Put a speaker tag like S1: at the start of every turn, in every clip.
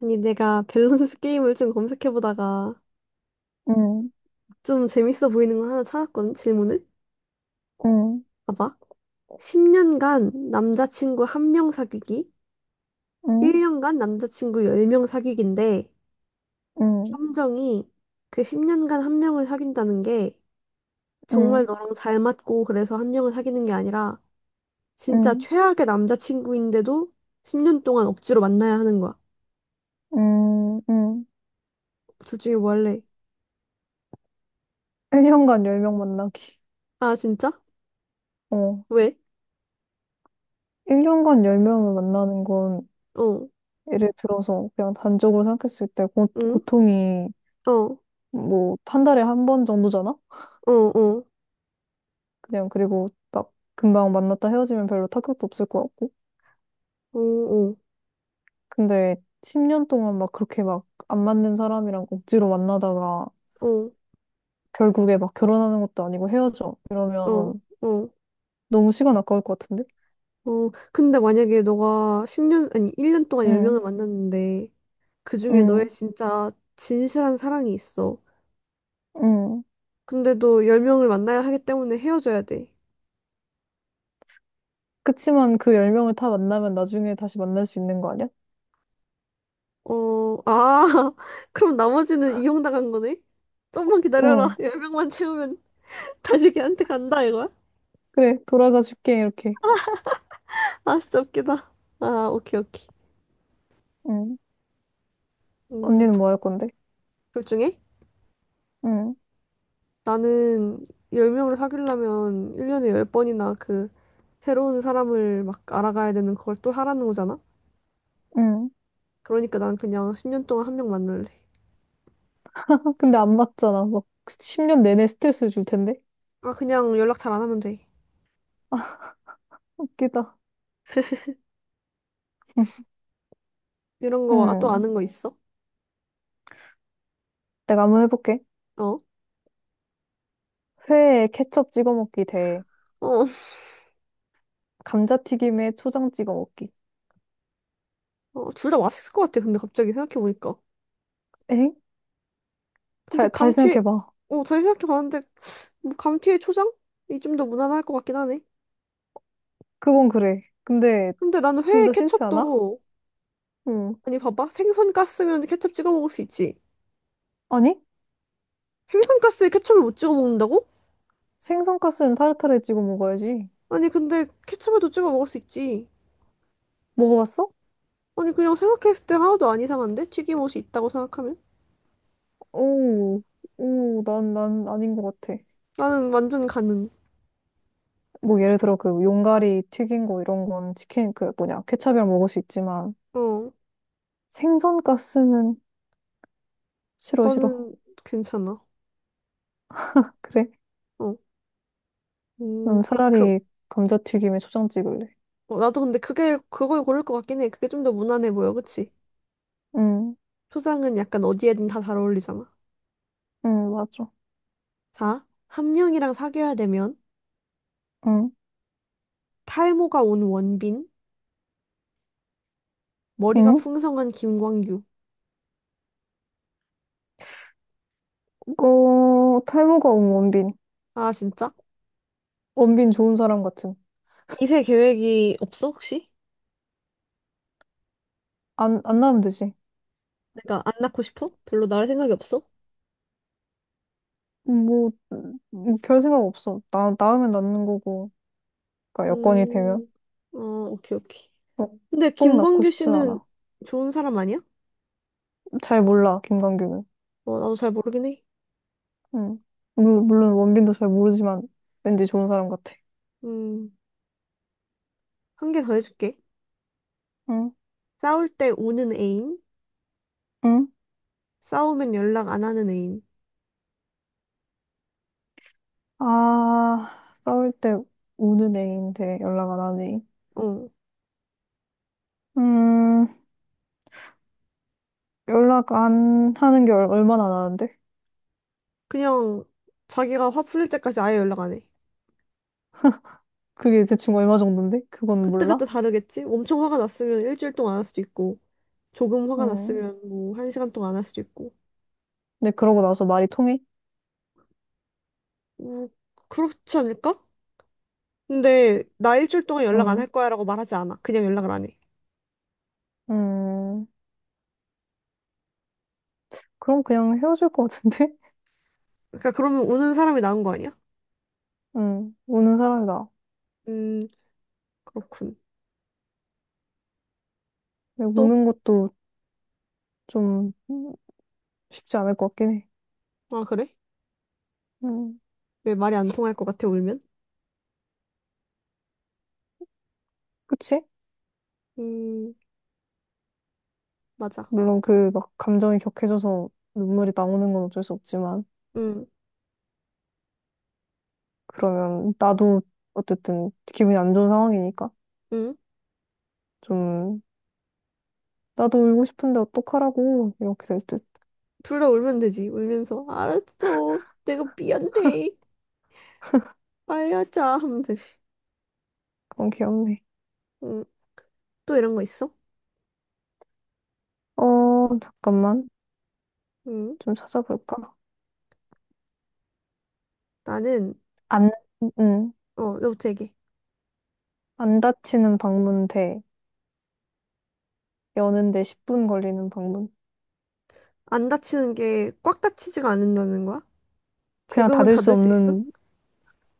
S1: 아니, 내가 밸런스 게임을 좀 검색해보다가
S2: 응,
S1: 좀 재밌어 보이는 걸 하나 찾았거든, 질문을.
S2: 응,
S1: 봐봐. 10년간 남자친구 한 명 사귀기,
S2: 응,
S1: 1년간 남자친구 10명 사귀기인데,
S2: 응,
S1: 함정이 그 10년간 한 명을 사귄다는 게 정말
S2: 응,
S1: 너랑 잘 맞고 그래서 한 명을 사귀는 게 아니라 진짜
S2: 응,
S1: 최악의 남자친구인데도 10년 동안 억지로 만나야 하는 거야.
S2: 응, 응.
S1: 둘 중에 뭐 할래?
S2: 1년간 10명 만나기.
S1: 아, 진짜?
S2: 어.
S1: 왜?
S2: 1년간 10명을 만나는 건
S1: 어,
S2: 예를 들어서 그냥 단적으로 생각했을 때
S1: 응?
S2: 고통이
S1: 어, 어,
S2: 뭐 한 달에 한 번 정도잖아?
S1: 어,
S2: 그냥 그리고 막 금방 만났다 헤어지면 별로 타격도 없을 것 같고.
S1: 어, 어.
S2: 근데 10년 동안 막 그렇게 막 안 맞는 사람이랑 억지로 만나다가
S1: 어.
S2: 결국에 막 결혼하는 것도 아니고 헤어져.
S1: 어,
S2: 이러면
S1: 어,
S2: 너무 시간 아까울 것 같은데?
S1: 어. 근데 만약에 너가 10년, 아니, 1년 동안 10명을
S2: 응.
S1: 만났는데, 그중에
S2: 응.
S1: 너의 진짜 진실한 사랑이 있어.
S2: 응.
S1: 근데도 10명을 만나야 하기 때문에 헤어져야 돼.
S2: 그치만 그 열명을다 만나면 나중에 다시 만날 수 있는 거 아니야?
S1: 어, 아, 그럼 나머지는 이용당한 거네? 좀만 기다려라.
S2: 응.
S1: 10명만 채우면 다시 걔한테 간다, 이거야?
S2: 그래, 돌아가 줄게, 이렇게.
S1: 아, 진짜 웃기다. 아, 오케이, 오케이.
S2: 응.
S1: 음,
S2: 언니는 뭐 할 건데?
S1: 둘 중에?
S2: 응.
S1: 나는 10명을 사귀려면 1년에 10번이나 그 새로운 사람을 막 알아가야 되는 그걸 또 하라는 거잖아?
S2: 응.
S1: 그러니까 난 그냥 10년 동안 한 명 만날래.
S2: 아, 근데 안 맞잖아. 막 10년 내내 스트레스 줄 텐데?
S1: 아, 그냥 연락 잘 안 하면 돼.
S2: 웃기다. 응.
S1: 이런 거, 아, 또
S2: 응.
S1: 아는 거 있어?
S2: 내가 한번 해볼게.
S1: 어?
S2: 회에 케첩 찍어 먹기 대
S1: 어,
S2: 감자튀김에 초장 찍어 먹기.
S1: 어, 둘 다 맛있을 것 같아. 근데 갑자기 생각해보니까.
S2: 엥?
S1: 근데
S2: 잘, 다시
S1: 감튀,
S2: 생각해봐.
S1: 어, 다시 생각해봤는데, 뭐 감튀에 초장? 이 좀 더 무난할 것 같긴 하네.
S2: 그건 그래. 근데
S1: 근데 나는
S2: 둘
S1: 회에
S2: 다 싫지 않아?
S1: 케첩도,
S2: 응.
S1: 아니, 봐봐. 생선 가스면 케첩 찍어 먹을 수 있지.
S2: 아니?
S1: 생선 가스에 케첩을 못 찍어 먹는다고?
S2: 생선가스는 타르타르에 찍어 먹어야지.
S1: 아니 근데 케첩에도 찍어 먹을 수 있지.
S2: 먹어봤어?
S1: 아니 그냥 생각했을 때 하나도 안 이상한데? 튀김옷이 있다고 생각하면?
S2: 오, 오, 난 아닌 것 같아.
S1: 나는 완전 가능.
S2: 뭐 예를 들어 그 용가리 튀긴 거 이런 건 치킨 그 뭐냐 케찹이랑 먹을 수 있지만
S1: 어,
S2: 생선 가스는 싫어 싫어.
S1: 나는 괜찮아.
S2: 그래?
S1: 어, 음,
S2: 난
S1: 그럼
S2: 차라리 감자튀김에 초장 찍을래.
S1: 어, 나도 근데 그게 그걸 고를 것 같긴 해. 그게 좀 더 무난해 보여, 그치?
S2: 응,
S1: 초장은 약간 어디에든 다 잘 어울리잖아.
S2: 응, 맞아.
S1: 자, 함령이랑 사귀어야 되면
S2: 응,
S1: 탈모가 온 원빈, 머리가
S2: 응?
S1: 풍성한 김광규.
S2: 어, 탈모가 온 원빈.
S1: 아 진짜?
S2: 원빈 좋은 사람 같은
S1: 이세 계획이 없어 혹시?
S2: 안 나으면 되지.
S1: 내가 안 낳고 싶어? 별로 낳을 생각이 없어?
S2: 뭐, 별 생각 없어. 낳으면 낳는 거고. 그러니까 여건이 되면.
S1: 음, 어, 오케이, 오케이.
S2: 어,
S1: 근데
S2: 꼭 낳고
S1: 김광규
S2: 싶진
S1: 씨는
S2: 않아.
S1: 좋은 사람 아니야?
S2: 잘 몰라, 김광규는.
S1: 어, 나도 잘 모르긴 해.
S2: 응. 물론 원빈도 잘 모르지만 왠지 좋은 사람 같아.
S1: 음, 한 개 더 해줄게.
S2: 응?
S1: 싸울 때 우는 애인,
S2: 응?
S1: 싸우면 연락 안 하는 애인.
S2: 아, 싸울 때 우는 애인데 연락 안 하니.
S1: 어,
S2: 음, 연락 안 하는 게 얼마나 나는데
S1: 그냥 자기가 화 풀릴 때까지 아예 연락 안 해.
S2: 그게 대충 얼마 정도인데? 그건 몰라?
S1: 그때그때 다르겠지? 엄청 화가 났으면 일주일 동안 안 할 수도 있고, 조금 화가
S2: 응.
S1: 났으면 뭐 한 시간 동안 안 할 수도 있고.
S2: 근데 그러고 나서 말이 통해?
S1: 뭐, 그렇지 않을까? 근데 나 일주일 동안 연락 안 할
S2: 응.
S1: 거야라고 말하지 않아. 그냥 연락을 안 해.
S2: 음, 그럼 그냥 헤어질 것 같은데?
S1: 그러니까 그러면 우는 사람이 나은 거 아니야?
S2: 응. 우는 사람이다.
S1: 음, 그렇군.
S2: 근데
S1: 또?
S2: 우는 것도 좀 쉽지 않을 것 같긴 해.
S1: 아, 그래?
S2: 응.
S1: 왜 말이 안 통할 것 같아, 울면?
S2: 그치?
S1: 음, 맞아.
S2: 물론 그 막 감정이 격해져서 눈물이 나오는 건 어쩔 수 없지만,
S1: 음,
S2: 그러면 나도 어쨌든 기분이 안 좋은 상황이니까
S1: 음.
S2: 좀 나도 울고 싶은데 어떡하라고 이렇게 될 듯.
S1: 둘 다 울면 되지, 울면서. 알았어. 내가 미안해. 아야자. 하면 되지.
S2: 그건 귀엽네.
S1: 음, 또 이런 거 있어?
S2: 어, 잠깐만.
S1: 음,
S2: 좀 찾아볼까?
S1: 나는,
S2: 안, 응.
S1: 어, 너부터 얘기해.
S2: 안 다치는 방문 대 여는데 10분 걸리는 방문.
S1: 안 다치는 게 꽉 다치지가 않는다는 거야?
S2: 그냥
S1: 조금은 닫을 수 있어?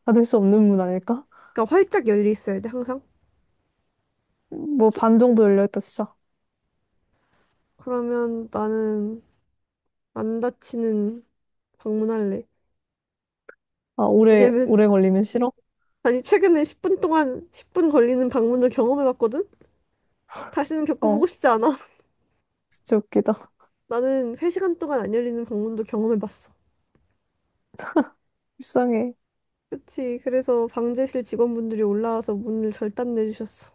S2: 닫을 수 없는 문 아닐까?
S1: 그러니까 활짝 열려 있어야 돼, 항상.
S2: 뭐
S1: 조-
S2: 반 정도 열려있다, 진짜.
S1: 그러면 나는 안 다치는 방문할래.
S2: 아,
S1: 왜냐면
S2: 오래 걸리면 싫어?
S1: 아니, 최근에 10분 동안, 10분 걸리는 방문을 경험해봤거든? 다시는 겪어보고
S2: 어,
S1: 싶지 않아.
S2: 진짜 웃기다.
S1: 나는 3시간 동안 안 열리는 방문도 경험해봤어.
S2: 불쌍해.
S1: 그치. 그래서 방제실 직원분들이 올라와서 문을 절단내주셨어.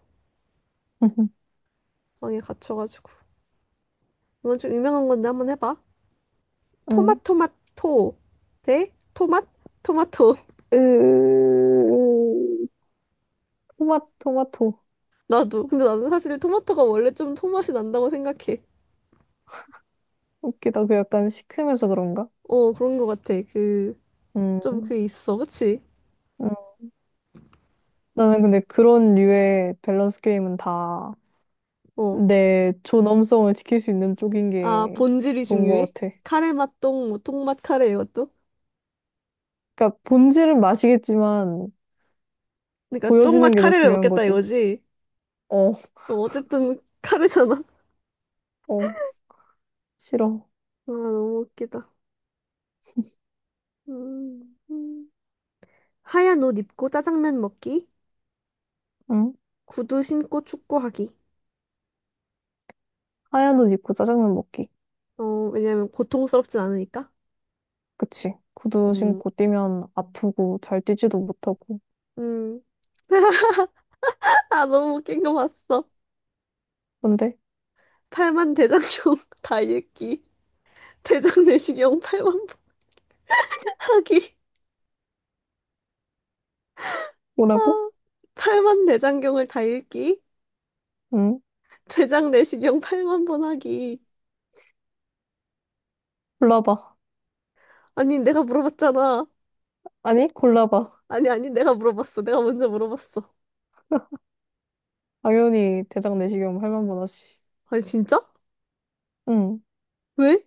S1: 방에 갇혀가지고. 이건 좀 유명한 건데 한번 해봐.
S2: 응.
S1: 토마토마토 대 토맛 토마토.
S2: 으, 토마토.
S1: 나도. 근데 나는 사실 토마토가 원래 좀 토맛이 난다고 생각해.
S2: 웃기다. 그 약간 시큼해서 그런가?
S1: 어, 그런 것 같아. 그, 좀
S2: 음,
S1: 그게 있어. 그치?
S2: 음. 나는 근데 그런 류의 밸런스 게임은 다
S1: 어.
S2: 내 존엄성을 지킬 수 있는 쪽인
S1: 아,
S2: 게
S1: 본질이
S2: 좋은
S1: 중요해?
S2: 것 같아.
S1: 카레 맛 똥, 뭐, 똥맛 카레 이것도?
S2: 그러니까 본질은 맛이겠지만
S1: 그러니까 똥맛
S2: 보여지는 게 더
S1: 카레를
S2: 중요한
S1: 먹겠다
S2: 거지.
S1: 이거지?
S2: 어,
S1: 어, 어쨌든 카레잖아. 아,
S2: 어, 싫어.
S1: 너무 웃기다. 음, 음. 하얀 옷 입고 짜장면 먹기,
S2: 응?
S1: 구두 신고 축구하기.
S2: 하얀 옷 입고 짜장면 먹기.
S1: 어, 왜냐면 고통스럽진 않으니까.
S2: 그치. 구두
S1: 음,
S2: 신고 뛰면 아프고 잘 뛰지도 못하고.
S1: 음. 아, 너무 웃긴 거 봤어.
S2: 근데?
S1: 팔만 대장경 다 읽기, 대장 내시경 8만 하기.
S2: 뭐라고?
S1: 아, 팔만 대장경을 다 읽기.
S2: 응?
S1: 대장 내시경 8만 번 하기.
S2: 골라봐.
S1: 아니, 내가 물어봤잖아.
S2: 아니, 골라봐.
S1: 아니, 아니, 내가 물어봤어. 내가 먼저 물어봤어.
S2: 당연히 대장 내시경 8만 번 하지.
S1: 아니, 진짜?
S2: 응.
S1: 왜?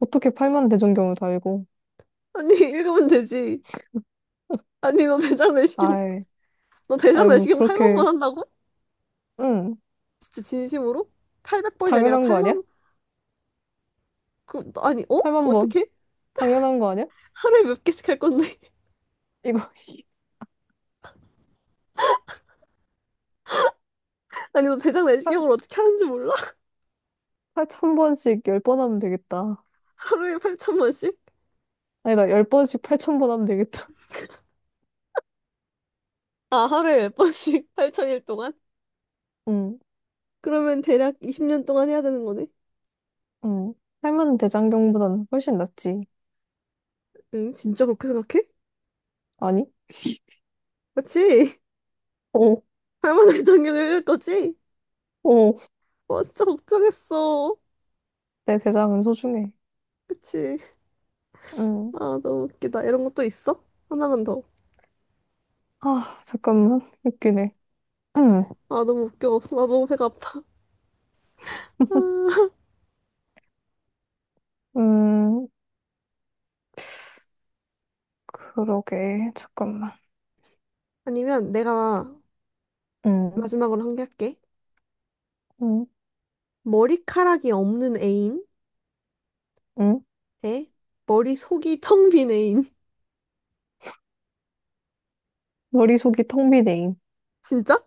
S2: 어떻게 8만 대장경을 달고.
S1: 아니, 읽으면 되지. 아니, 너 대장 내시경,
S2: 아이,
S1: 너 대장
S2: 아유,
S1: 내시경 8만 번
S2: 그렇게,
S1: 한다고?
S2: 응.
S1: 진짜 진심으로? 800번이 아니라
S2: 당연한 거 아니야?
S1: 8만, 그, 럼 아니, 어?
S2: 8만 번.
S1: 어떻게?
S2: 당연한 거 아니야?
S1: 하루에 몇 개씩 할 건데?
S2: 이거
S1: 아니, 너 대장 내시경을 어떻게 하는지 몰라?
S2: 8천 번씩 10번 하면 되겠다.
S1: 하루에 8천 번씩?
S2: 아니다, 10번씩 8천 번 하면 되겠다.
S1: 아, 하루에 몇 번씩? 8천일 동안?
S2: 응,
S1: 그러면 대략 20년 동안 해야 되는 거네?
S2: 응. 8만 대장경보다는 훨씬 낫지.
S1: 응, 진짜 그렇게 생각해?
S2: 아니?
S1: 맞지?
S2: 오,
S1: 할머니 장경을 읽을 거지?
S2: 오.
S1: 와, 진짜 걱정했어.
S2: 내 대장은 소중해.
S1: 그치?
S2: 응.
S1: 아, 너무 웃기다. 이런 것도 있어? 하나만 더.
S2: 아, 잠깐만. 웃기네. 응.
S1: 아, 너무 웃겨. 나 너무 배가 아파. 아.
S2: 음, 그러게. 잠깐만.
S1: 아니면 내가
S2: 응,
S1: 마지막으로 한 개 할게.
S2: 응,
S1: 머리카락이 없는 애인
S2: 응.
S1: 대 머리속이 텅빈 애인.
S2: 머리속이 텅 비네.
S1: 진짜?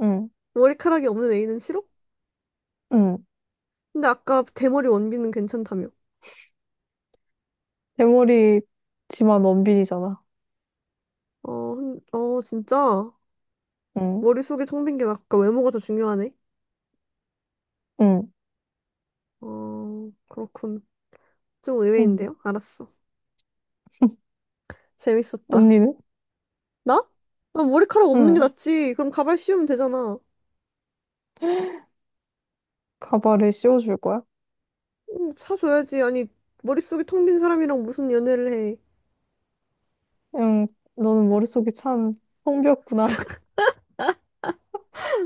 S2: 응,
S1: 머리카락이 없는 애인은 싫어?
S2: 응.
S1: 근데 아까 대머리 원빈은 괜찮다며.
S2: 내 머리지만 원빈이잖아.
S1: 어, 어, 진짜?
S2: 응,
S1: 머리속이 텅빈 게 아까 외모가 더 중요하네.
S2: 응,
S1: 어, 그렇군. 좀
S2: 응.
S1: 의외인데요? 알았어. 재밌었다.
S2: 언니는?
S1: 나? 나 머리카락 없는 게
S2: 응.
S1: 낫지. 그럼 가발 씌우면 되잖아.
S2: 가발을 씌워줄 거야?
S1: 응, 사줘야지. 아니, 머릿속이 텅 빈 사람이랑 무슨 연애를 해.
S2: 응, 너는 머릿속이 참텅비었구나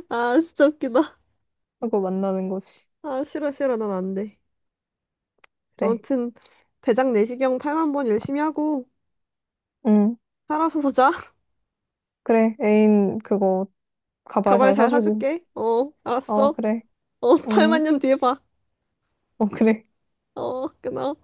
S1: 아, 진짜 웃기다.
S2: 하고 만나는 거지.
S1: 아, 싫어, 싫어. 난 안 돼.
S2: 그래.
S1: 아무튼, 대장 내시경 8만 번 열심히 하고,
S2: 응,
S1: 살아서 보자.
S2: 그래. 애인 그거 가발
S1: 가발
S2: 잘
S1: 잘
S2: 사주고.
S1: 사줄게. 어,
S2: 어,
S1: 알았어.
S2: 그래.
S1: 어, 8만
S2: 응,
S1: 년 뒤에 봐.
S2: 어, 그래.
S1: 어, 끊어.